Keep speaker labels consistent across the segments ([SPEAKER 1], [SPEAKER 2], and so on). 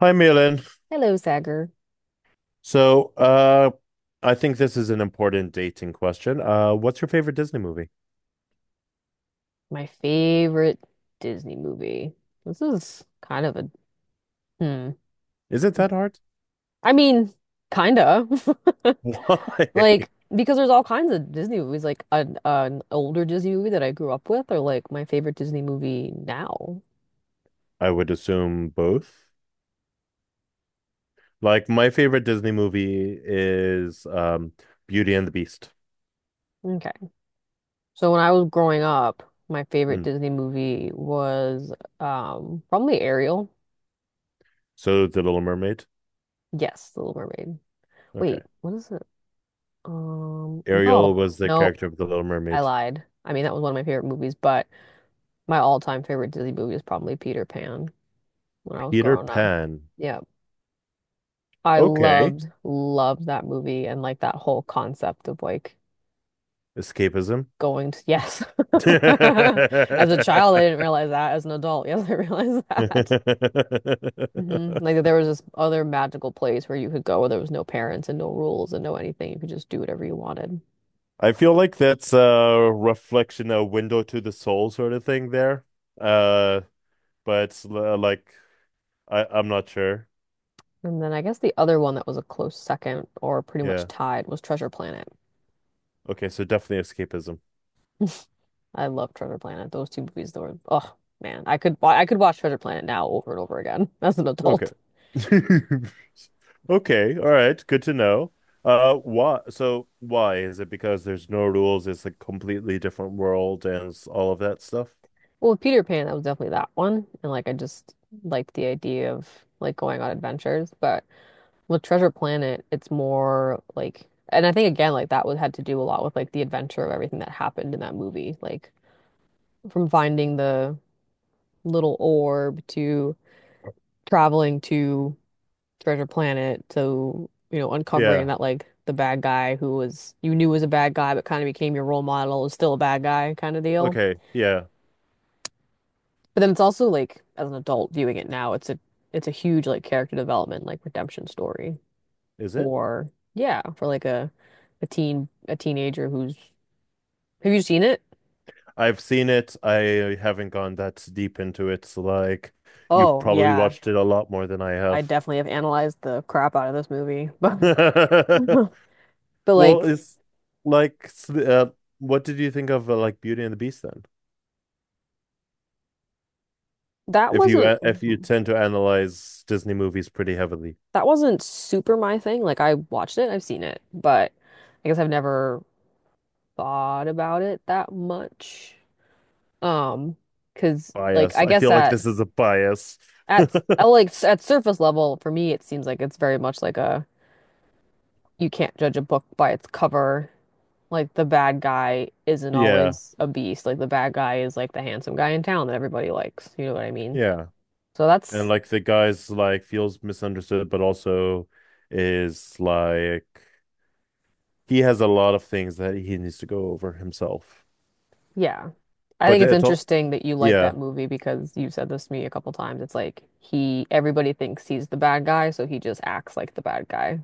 [SPEAKER 1] Hi, Milan.
[SPEAKER 2] Hello, Sagar.
[SPEAKER 1] So, I think this is an important dating question. What's your favorite Disney movie?
[SPEAKER 2] My favorite Disney movie. This is kind of a hmm.
[SPEAKER 1] Is it that hard?
[SPEAKER 2] I mean, kinda.
[SPEAKER 1] Why?
[SPEAKER 2] Like, because there's all kinds of Disney movies. Like an older Disney movie that I grew up with, or like my favorite Disney movie now.
[SPEAKER 1] I would assume both. Like, my favorite Disney movie is Beauty and the Beast.
[SPEAKER 2] Okay. So when I was growing up, my favorite
[SPEAKER 1] Mm.
[SPEAKER 2] Disney movie was probably Ariel.
[SPEAKER 1] So, The Little Mermaid.
[SPEAKER 2] Yes, The Little Mermaid.
[SPEAKER 1] Okay.
[SPEAKER 2] Wait, what is it?
[SPEAKER 1] Ariel
[SPEAKER 2] No,
[SPEAKER 1] was the
[SPEAKER 2] no,
[SPEAKER 1] character of The Little
[SPEAKER 2] I
[SPEAKER 1] Mermaid.
[SPEAKER 2] lied. I mean, that was one of my favorite movies, but. My all-time favorite Disney movie is probably Peter Pan when I was
[SPEAKER 1] Peter
[SPEAKER 2] growing up.
[SPEAKER 1] Pan.
[SPEAKER 2] Yeah. I
[SPEAKER 1] Okay.
[SPEAKER 2] loved, loved that movie and like that whole concept of like
[SPEAKER 1] Escapism.
[SPEAKER 2] going to, yes. As a child, I didn't realize that. As an adult, yes, I realized that. Like there was this other magical place where you could go where there was no parents and no rules and no anything. You could just do whatever you wanted.
[SPEAKER 1] I feel like that's a reflection, a window to the soul sort of thing there. Uh, but it's like I'm not sure.
[SPEAKER 2] And then I guess the other one that was a close second or pretty much
[SPEAKER 1] Yeah.
[SPEAKER 2] tied was Treasure Planet.
[SPEAKER 1] Okay, so definitely escapism.
[SPEAKER 2] I love Treasure Planet. Those two movies though were, oh man, I could I could watch Treasure Planet now over and over again as an
[SPEAKER 1] Okay.
[SPEAKER 2] adult.
[SPEAKER 1] Okay, all right, good to know. Why? So why is it because there's no rules? It's a completely different world and it's all of that stuff.
[SPEAKER 2] Well, with Peter Pan, that was definitely that one, and like I just like the idea of like going on adventures. But with Treasure Planet, it's more like, and I think again like that was had to do a lot with like the adventure of everything that happened in that movie, like from finding the little orb to traveling to Treasure Planet. So, uncovering
[SPEAKER 1] Yeah.
[SPEAKER 2] that like the bad guy who was you knew was a bad guy but kind of became your role model is still a bad guy kind of deal.
[SPEAKER 1] Okay. Yeah.
[SPEAKER 2] But then it's also like as an adult viewing it now, it's a huge like character development, like redemption story
[SPEAKER 1] Is it?
[SPEAKER 2] for yeah, for like a teen a teenager who's have you seen it?
[SPEAKER 1] I've seen it. I haven't gone that deep into it. So like you've
[SPEAKER 2] Oh
[SPEAKER 1] probably
[SPEAKER 2] yeah.
[SPEAKER 1] watched it a lot more than I
[SPEAKER 2] I
[SPEAKER 1] have.
[SPEAKER 2] definitely have analyzed the crap out of this movie. But but
[SPEAKER 1] Well,
[SPEAKER 2] like
[SPEAKER 1] it's like what did you think of like Beauty and the Beast then?
[SPEAKER 2] that
[SPEAKER 1] If
[SPEAKER 2] wasn't
[SPEAKER 1] if you tend to analyze Disney movies pretty heavily,
[SPEAKER 2] that wasn't super my thing. Like I watched it, I've seen it, but I guess I've never thought about it that much. Um, 'Cause like
[SPEAKER 1] bias.
[SPEAKER 2] I
[SPEAKER 1] I
[SPEAKER 2] guess
[SPEAKER 1] feel like this is a bias.
[SPEAKER 2] I like at surface level for me it seems like it's very much like a you can't judge a book by its cover. Like the bad guy isn't
[SPEAKER 1] Yeah,
[SPEAKER 2] always a beast. Like the bad guy is like the handsome guy in town that everybody likes. You know what I mean?
[SPEAKER 1] yeah.
[SPEAKER 2] So
[SPEAKER 1] And
[SPEAKER 2] that's
[SPEAKER 1] like the guy's like feels misunderstood, but also is like he has a lot of things that he needs to go over himself.
[SPEAKER 2] yeah. I think
[SPEAKER 1] But
[SPEAKER 2] it's
[SPEAKER 1] it's all,
[SPEAKER 2] interesting that you like
[SPEAKER 1] yeah.
[SPEAKER 2] that movie because you've said this to me a couple times. It's like he, everybody thinks he's the bad guy, so he just acts like the bad guy.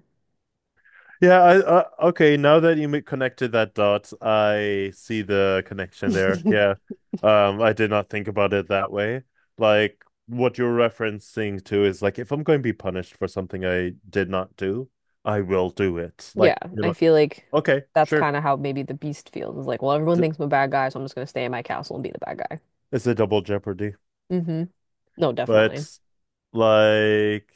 [SPEAKER 1] Yeah, okay, now that connected that dot, I see the connection there. Yeah. I did not think about it that way. Like what you're referencing to is like if I'm going to be punished for something I did not do, I will do it.
[SPEAKER 2] Yeah,
[SPEAKER 1] Like,
[SPEAKER 2] I feel like
[SPEAKER 1] okay,
[SPEAKER 2] that's
[SPEAKER 1] sure.
[SPEAKER 2] kind of how maybe the Beast feels. It's like, well, everyone
[SPEAKER 1] D
[SPEAKER 2] thinks I'm a bad guy, so I'm just gonna stay in my castle and be the bad guy.
[SPEAKER 1] It's a double jeopardy.
[SPEAKER 2] Mm-hmm. No, definitely.
[SPEAKER 1] But like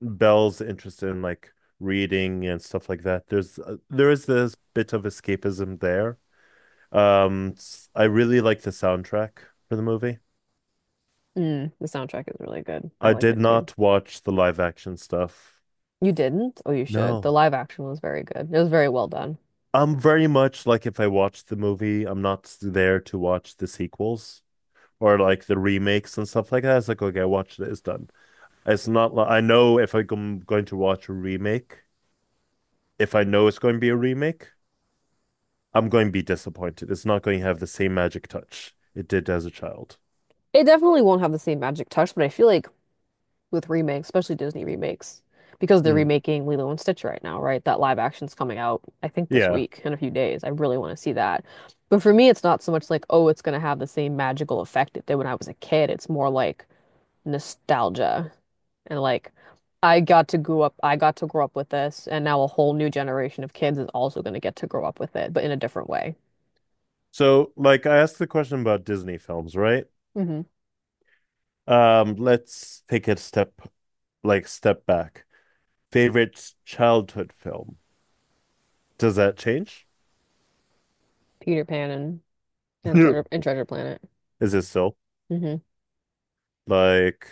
[SPEAKER 1] Belle's interest in like reading and stuff like that, there is this bit of escapism there Um, I really like the soundtrack for the movie.
[SPEAKER 2] Mm, the soundtrack is really good. I
[SPEAKER 1] I
[SPEAKER 2] like
[SPEAKER 1] did
[SPEAKER 2] it too.
[SPEAKER 1] not watch the live action stuff.
[SPEAKER 2] You didn't? Oh, you should. The
[SPEAKER 1] No.
[SPEAKER 2] live action was very good. It was very well done.
[SPEAKER 1] I'm very much like if I watch the movie, I'm not there to watch the sequels or like the remakes and stuff like that. It's like, okay, I watched it, it's done. It's not like I know if I'm going to watch a remake, if I know it's going to be a remake, I'm going to be disappointed. It's not going to have the same magic touch it did as a child.
[SPEAKER 2] It definitely won't have the same magic touch, but I feel like with remakes, especially Disney remakes, because they're
[SPEAKER 1] Mm.
[SPEAKER 2] remaking Lilo and Stitch right now, right? That live action's coming out, I think, this
[SPEAKER 1] Yeah.
[SPEAKER 2] week in a few days. I really want to see that. But for me, it's not so much like, oh, it's going to have the same magical effect it did when I was a kid. It's more like nostalgia and like, I got to grow up with this, and now a whole new generation of kids is also going to get to grow up with it, but in a different way.
[SPEAKER 1] So, like, I asked the question about Disney films, right?
[SPEAKER 2] hmm
[SPEAKER 1] Let's take a step, like step back. Favorite childhood film. Does that change?
[SPEAKER 2] Peter Pan and
[SPEAKER 1] Is
[SPEAKER 2] Treasure Planet.
[SPEAKER 1] it still
[SPEAKER 2] hmm
[SPEAKER 1] like,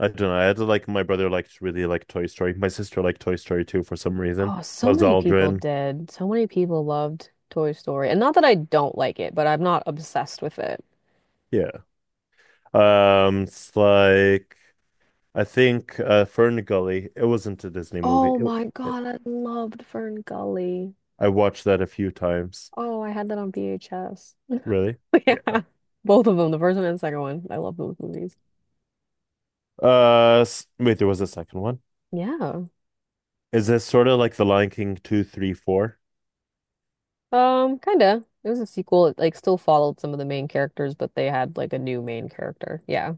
[SPEAKER 1] I don't know. I had to, like, my brother liked really like Toy Story. My sister liked Toy Story too for some reason.
[SPEAKER 2] Oh, so
[SPEAKER 1] Buzz
[SPEAKER 2] many people
[SPEAKER 1] Aldrin.
[SPEAKER 2] did. So many people loved Toy Story. And not that I don't like it, but I'm not obsessed with it.
[SPEAKER 1] Yeah. It's like I think Fern. It wasn't a Disney movie.
[SPEAKER 2] Oh my
[SPEAKER 1] It-
[SPEAKER 2] God, I loved Fern Gully.
[SPEAKER 1] I watched that a few times.
[SPEAKER 2] Oh, I had that on VHS.
[SPEAKER 1] Really? Yeah.
[SPEAKER 2] Yeah. Both of them, the first one and second one. I love those movies.
[SPEAKER 1] Wait, there was a second one.
[SPEAKER 2] Yeah.
[SPEAKER 1] Is this sort of like The Lion King two, three, four?
[SPEAKER 2] Kinda. It was a sequel. It like still followed some of the main characters, but they had like a new main character. Yeah.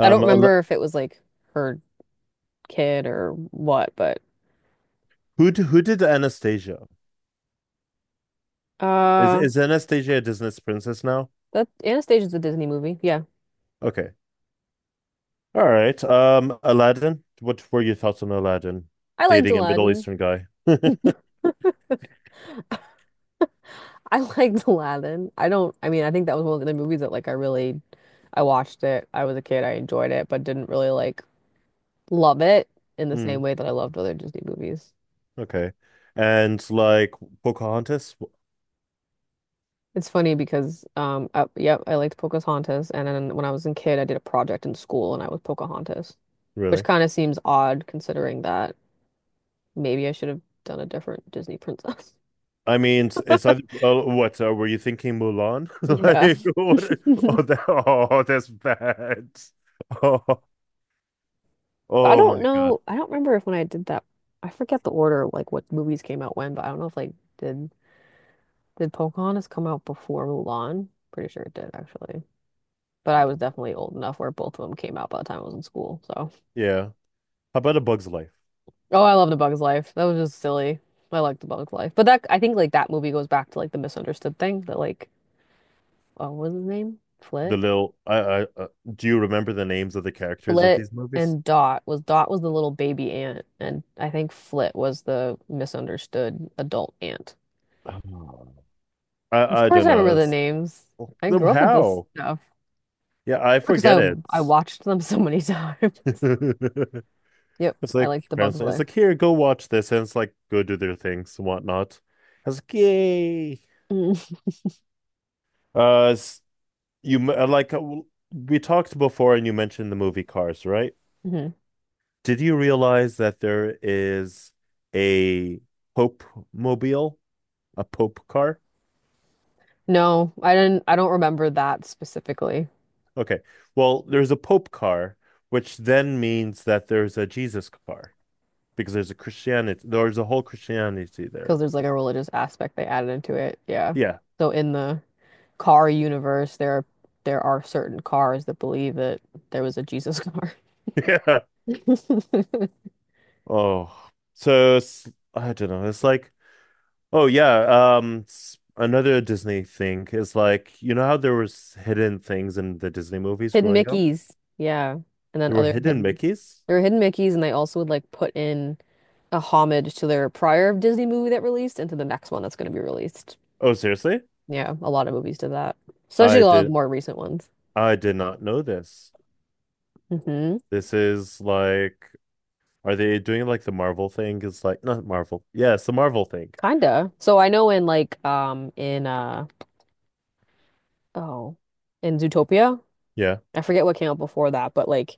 [SPEAKER 2] I don't
[SPEAKER 1] A lo-
[SPEAKER 2] remember if it was like her kid or what, but
[SPEAKER 1] who d- Who did Anastasia? Is
[SPEAKER 2] uh
[SPEAKER 1] is Anastasia a Disney princess now?
[SPEAKER 2] that Anastasia's a Disney movie. Yeah.
[SPEAKER 1] Okay. All right. Aladdin. What were your thoughts on Aladdin?
[SPEAKER 2] I liked
[SPEAKER 1] Dating a Middle
[SPEAKER 2] Aladdin.
[SPEAKER 1] Eastern guy.
[SPEAKER 2] I liked Aladdin. I don't, I mean, I think that was one of the movies that I watched it. I was a kid. I enjoyed it, but didn't really like love it in the
[SPEAKER 1] Hmm.
[SPEAKER 2] same way that I loved other Disney movies.
[SPEAKER 1] Okay. And like Pocahontas?
[SPEAKER 2] It's funny because, I, yep, I liked Pocahontas, and then when I was a kid, I did a project in school, and I was Pocahontas, which
[SPEAKER 1] Really?
[SPEAKER 2] kind of seems odd considering that maybe I should have done a different Disney princess.
[SPEAKER 1] I mean, it's either, oh, what were you thinking, Mulan?
[SPEAKER 2] Yeah.
[SPEAKER 1] Like, what? Oh, that, oh, that's bad. Oh,
[SPEAKER 2] I
[SPEAKER 1] oh my
[SPEAKER 2] don't
[SPEAKER 1] God.
[SPEAKER 2] know. I don't remember if when I did that, I forget the order of like what movies came out when, but I don't know if like did Pocahontas come out before Mulan? Pretty sure it did actually. But
[SPEAKER 1] I
[SPEAKER 2] I was
[SPEAKER 1] don't.
[SPEAKER 2] definitely old enough where both of them came out by the time I was in school. So,
[SPEAKER 1] Yeah. How about A Bug's Life?
[SPEAKER 2] oh, I love The Bug's Life. That was just silly. I like The Bug's Life, but that I think like that movie goes back to like the misunderstood thing that like oh, what was his name?
[SPEAKER 1] The
[SPEAKER 2] Flit,
[SPEAKER 1] little, I, Do you remember the names of the characters of
[SPEAKER 2] Flit,
[SPEAKER 1] these movies?
[SPEAKER 2] and Dot was the little baby aunt, and I think Flit was the misunderstood adult aunt.
[SPEAKER 1] Oh,
[SPEAKER 2] Of
[SPEAKER 1] I
[SPEAKER 2] course
[SPEAKER 1] don't
[SPEAKER 2] I
[SPEAKER 1] know.
[SPEAKER 2] remember the
[SPEAKER 1] It's,
[SPEAKER 2] names. I
[SPEAKER 1] them
[SPEAKER 2] grew up with this
[SPEAKER 1] how?
[SPEAKER 2] stuff
[SPEAKER 1] Yeah, I
[SPEAKER 2] because
[SPEAKER 1] forget it.
[SPEAKER 2] I watched them so many times. Yep,
[SPEAKER 1] It's
[SPEAKER 2] I
[SPEAKER 1] like
[SPEAKER 2] like The Bug
[SPEAKER 1] parents. It's
[SPEAKER 2] Life.
[SPEAKER 1] like here, go watch this, and it's like go do their things and whatnot. I was like, yay. It's You like We talked before, and you mentioned the movie Cars, right?
[SPEAKER 2] Mm-hmm.
[SPEAKER 1] Did you realize that there is a Pope mobile, a Pope car?
[SPEAKER 2] No, I don't remember that specifically
[SPEAKER 1] Okay, well, there's a Pope car, which then means that there's a Jesus car because there's a whole Christianity
[SPEAKER 2] because
[SPEAKER 1] there.
[SPEAKER 2] there's like a religious aspect they added into it. Yeah.
[SPEAKER 1] Yeah,
[SPEAKER 2] So in the car universe there are certain cars that believe that there was a Jesus car.
[SPEAKER 1] yeah. Oh, so I don't know. It's like, oh yeah, another Disney thing is like you know how there was hidden things in the Disney movies
[SPEAKER 2] Hidden
[SPEAKER 1] growing up?
[SPEAKER 2] Mickeys. Yeah. And then
[SPEAKER 1] There were
[SPEAKER 2] other
[SPEAKER 1] hidden
[SPEAKER 2] hidden
[SPEAKER 1] Mickeys?
[SPEAKER 2] there were hidden Mickeys, and they also would like put in a homage to their prior Disney movie that released and to the next one that's going to be released.
[SPEAKER 1] Oh seriously?
[SPEAKER 2] Yeah, a lot of movies did that, especially
[SPEAKER 1] I
[SPEAKER 2] a lot of the
[SPEAKER 1] did
[SPEAKER 2] more recent ones.
[SPEAKER 1] I did not know this.
[SPEAKER 2] hmm
[SPEAKER 1] This is like are they doing like the Marvel thing? It's like not Marvel. Yeah, it's the Marvel thing.
[SPEAKER 2] Kinda. So I know in like oh in Zootopia,
[SPEAKER 1] Yeah.
[SPEAKER 2] I forget what came out before that, but like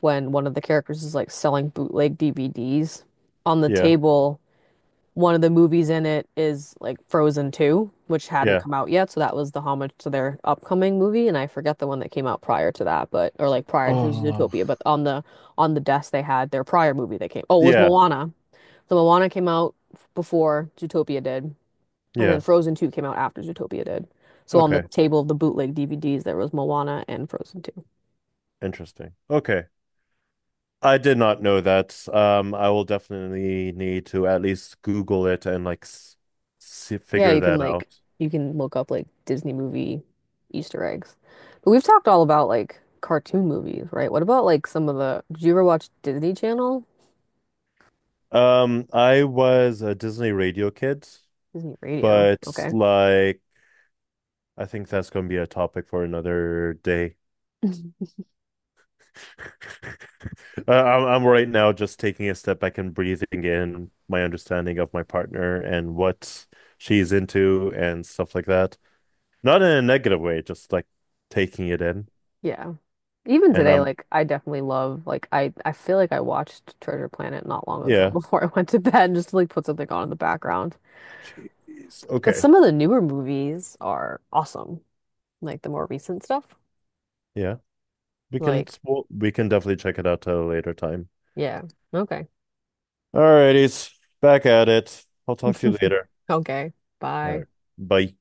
[SPEAKER 2] when one of the characters is like selling bootleg DVDs on the
[SPEAKER 1] Yeah.
[SPEAKER 2] table one of the movies in it is like Frozen 2, which hadn't
[SPEAKER 1] Yeah.
[SPEAKER 2] come out yet, so that was the homage to their upcoming movie, and I forget the one that came out prior to that, but or like prior to
[SPEAKER 1] Oh.
[SPEAKER 2] Zootopia, but on the desk they had their prior movie that came. Oh, it was
[SPEAKER 1] Yeah.
[SPEAKER 2] Moana. So Moana came out before Zootopia did, and then
[SPEAKER 1] Yeah.
[SPEAKER 2] Frozen 2 came out after Zootopia did. So on the
[SPEAKER 1] Okay.
[SPEAKER 2] table of the bootleg DVDs there was Moana and Frozen Two.
[SPEAKER 1] Interesting. Okay. I did not know that. I will definitely need to at least Google it and like s see,
[SPEAKER 2] Yeah,
[SPEAKER 1] figure that out.
[SPEAKER 2] you can look up like Disney movie Easter eggs. But we've talked all about like cartoon movies, right? What about like some of the did you ever watch Disney Channel?
[SPEAKER 1] I was a Disney radio kid,
[SPEAKER 2] Disney Radio.
[SPEAKER 1] but
[SPEAKER 2] Okay.
[SPEAKER 1] like I think that's going to be a topic for another day. I'm right now just taking a step back and breathing in my understanding of my partner and what she's into and stuff like that. Not in a negative way, just like taking it in.
[SPEAKER 2] Yeah. Even
[SPEAKER 1] And
[SPEAKER 2] today,
[SPEAKER 1] I'm
[SPEAKER 2] like I definitely love like I feel like I watched Treasure Planet not long ago
[SPEAKER 1] yeah,
[SPEAKER 2] before I went to bed just to like put something on in the background.
[SPEAKER 1] jeez,
[SPEAKER 2] But
[SPEAKER 1] okay.
[SPEAKER 2] some of the newer movies are awesome. Like the more recent stuff.
[SPEAKER 1] Yeah, we can
[SPEAKER 2] Like,
[SPEAKER 1] well, we can definitely check it out at a later time.
[SPEAKER 2] yeah. Okay.
[SPEAKER 1] All righties, back at it. I'll talk to you later.
[SPEAKER 2] Okay.
[SPEAKER 1] All right,
[SPEAKER 2] Bye.
[SPEAKER 1] bye.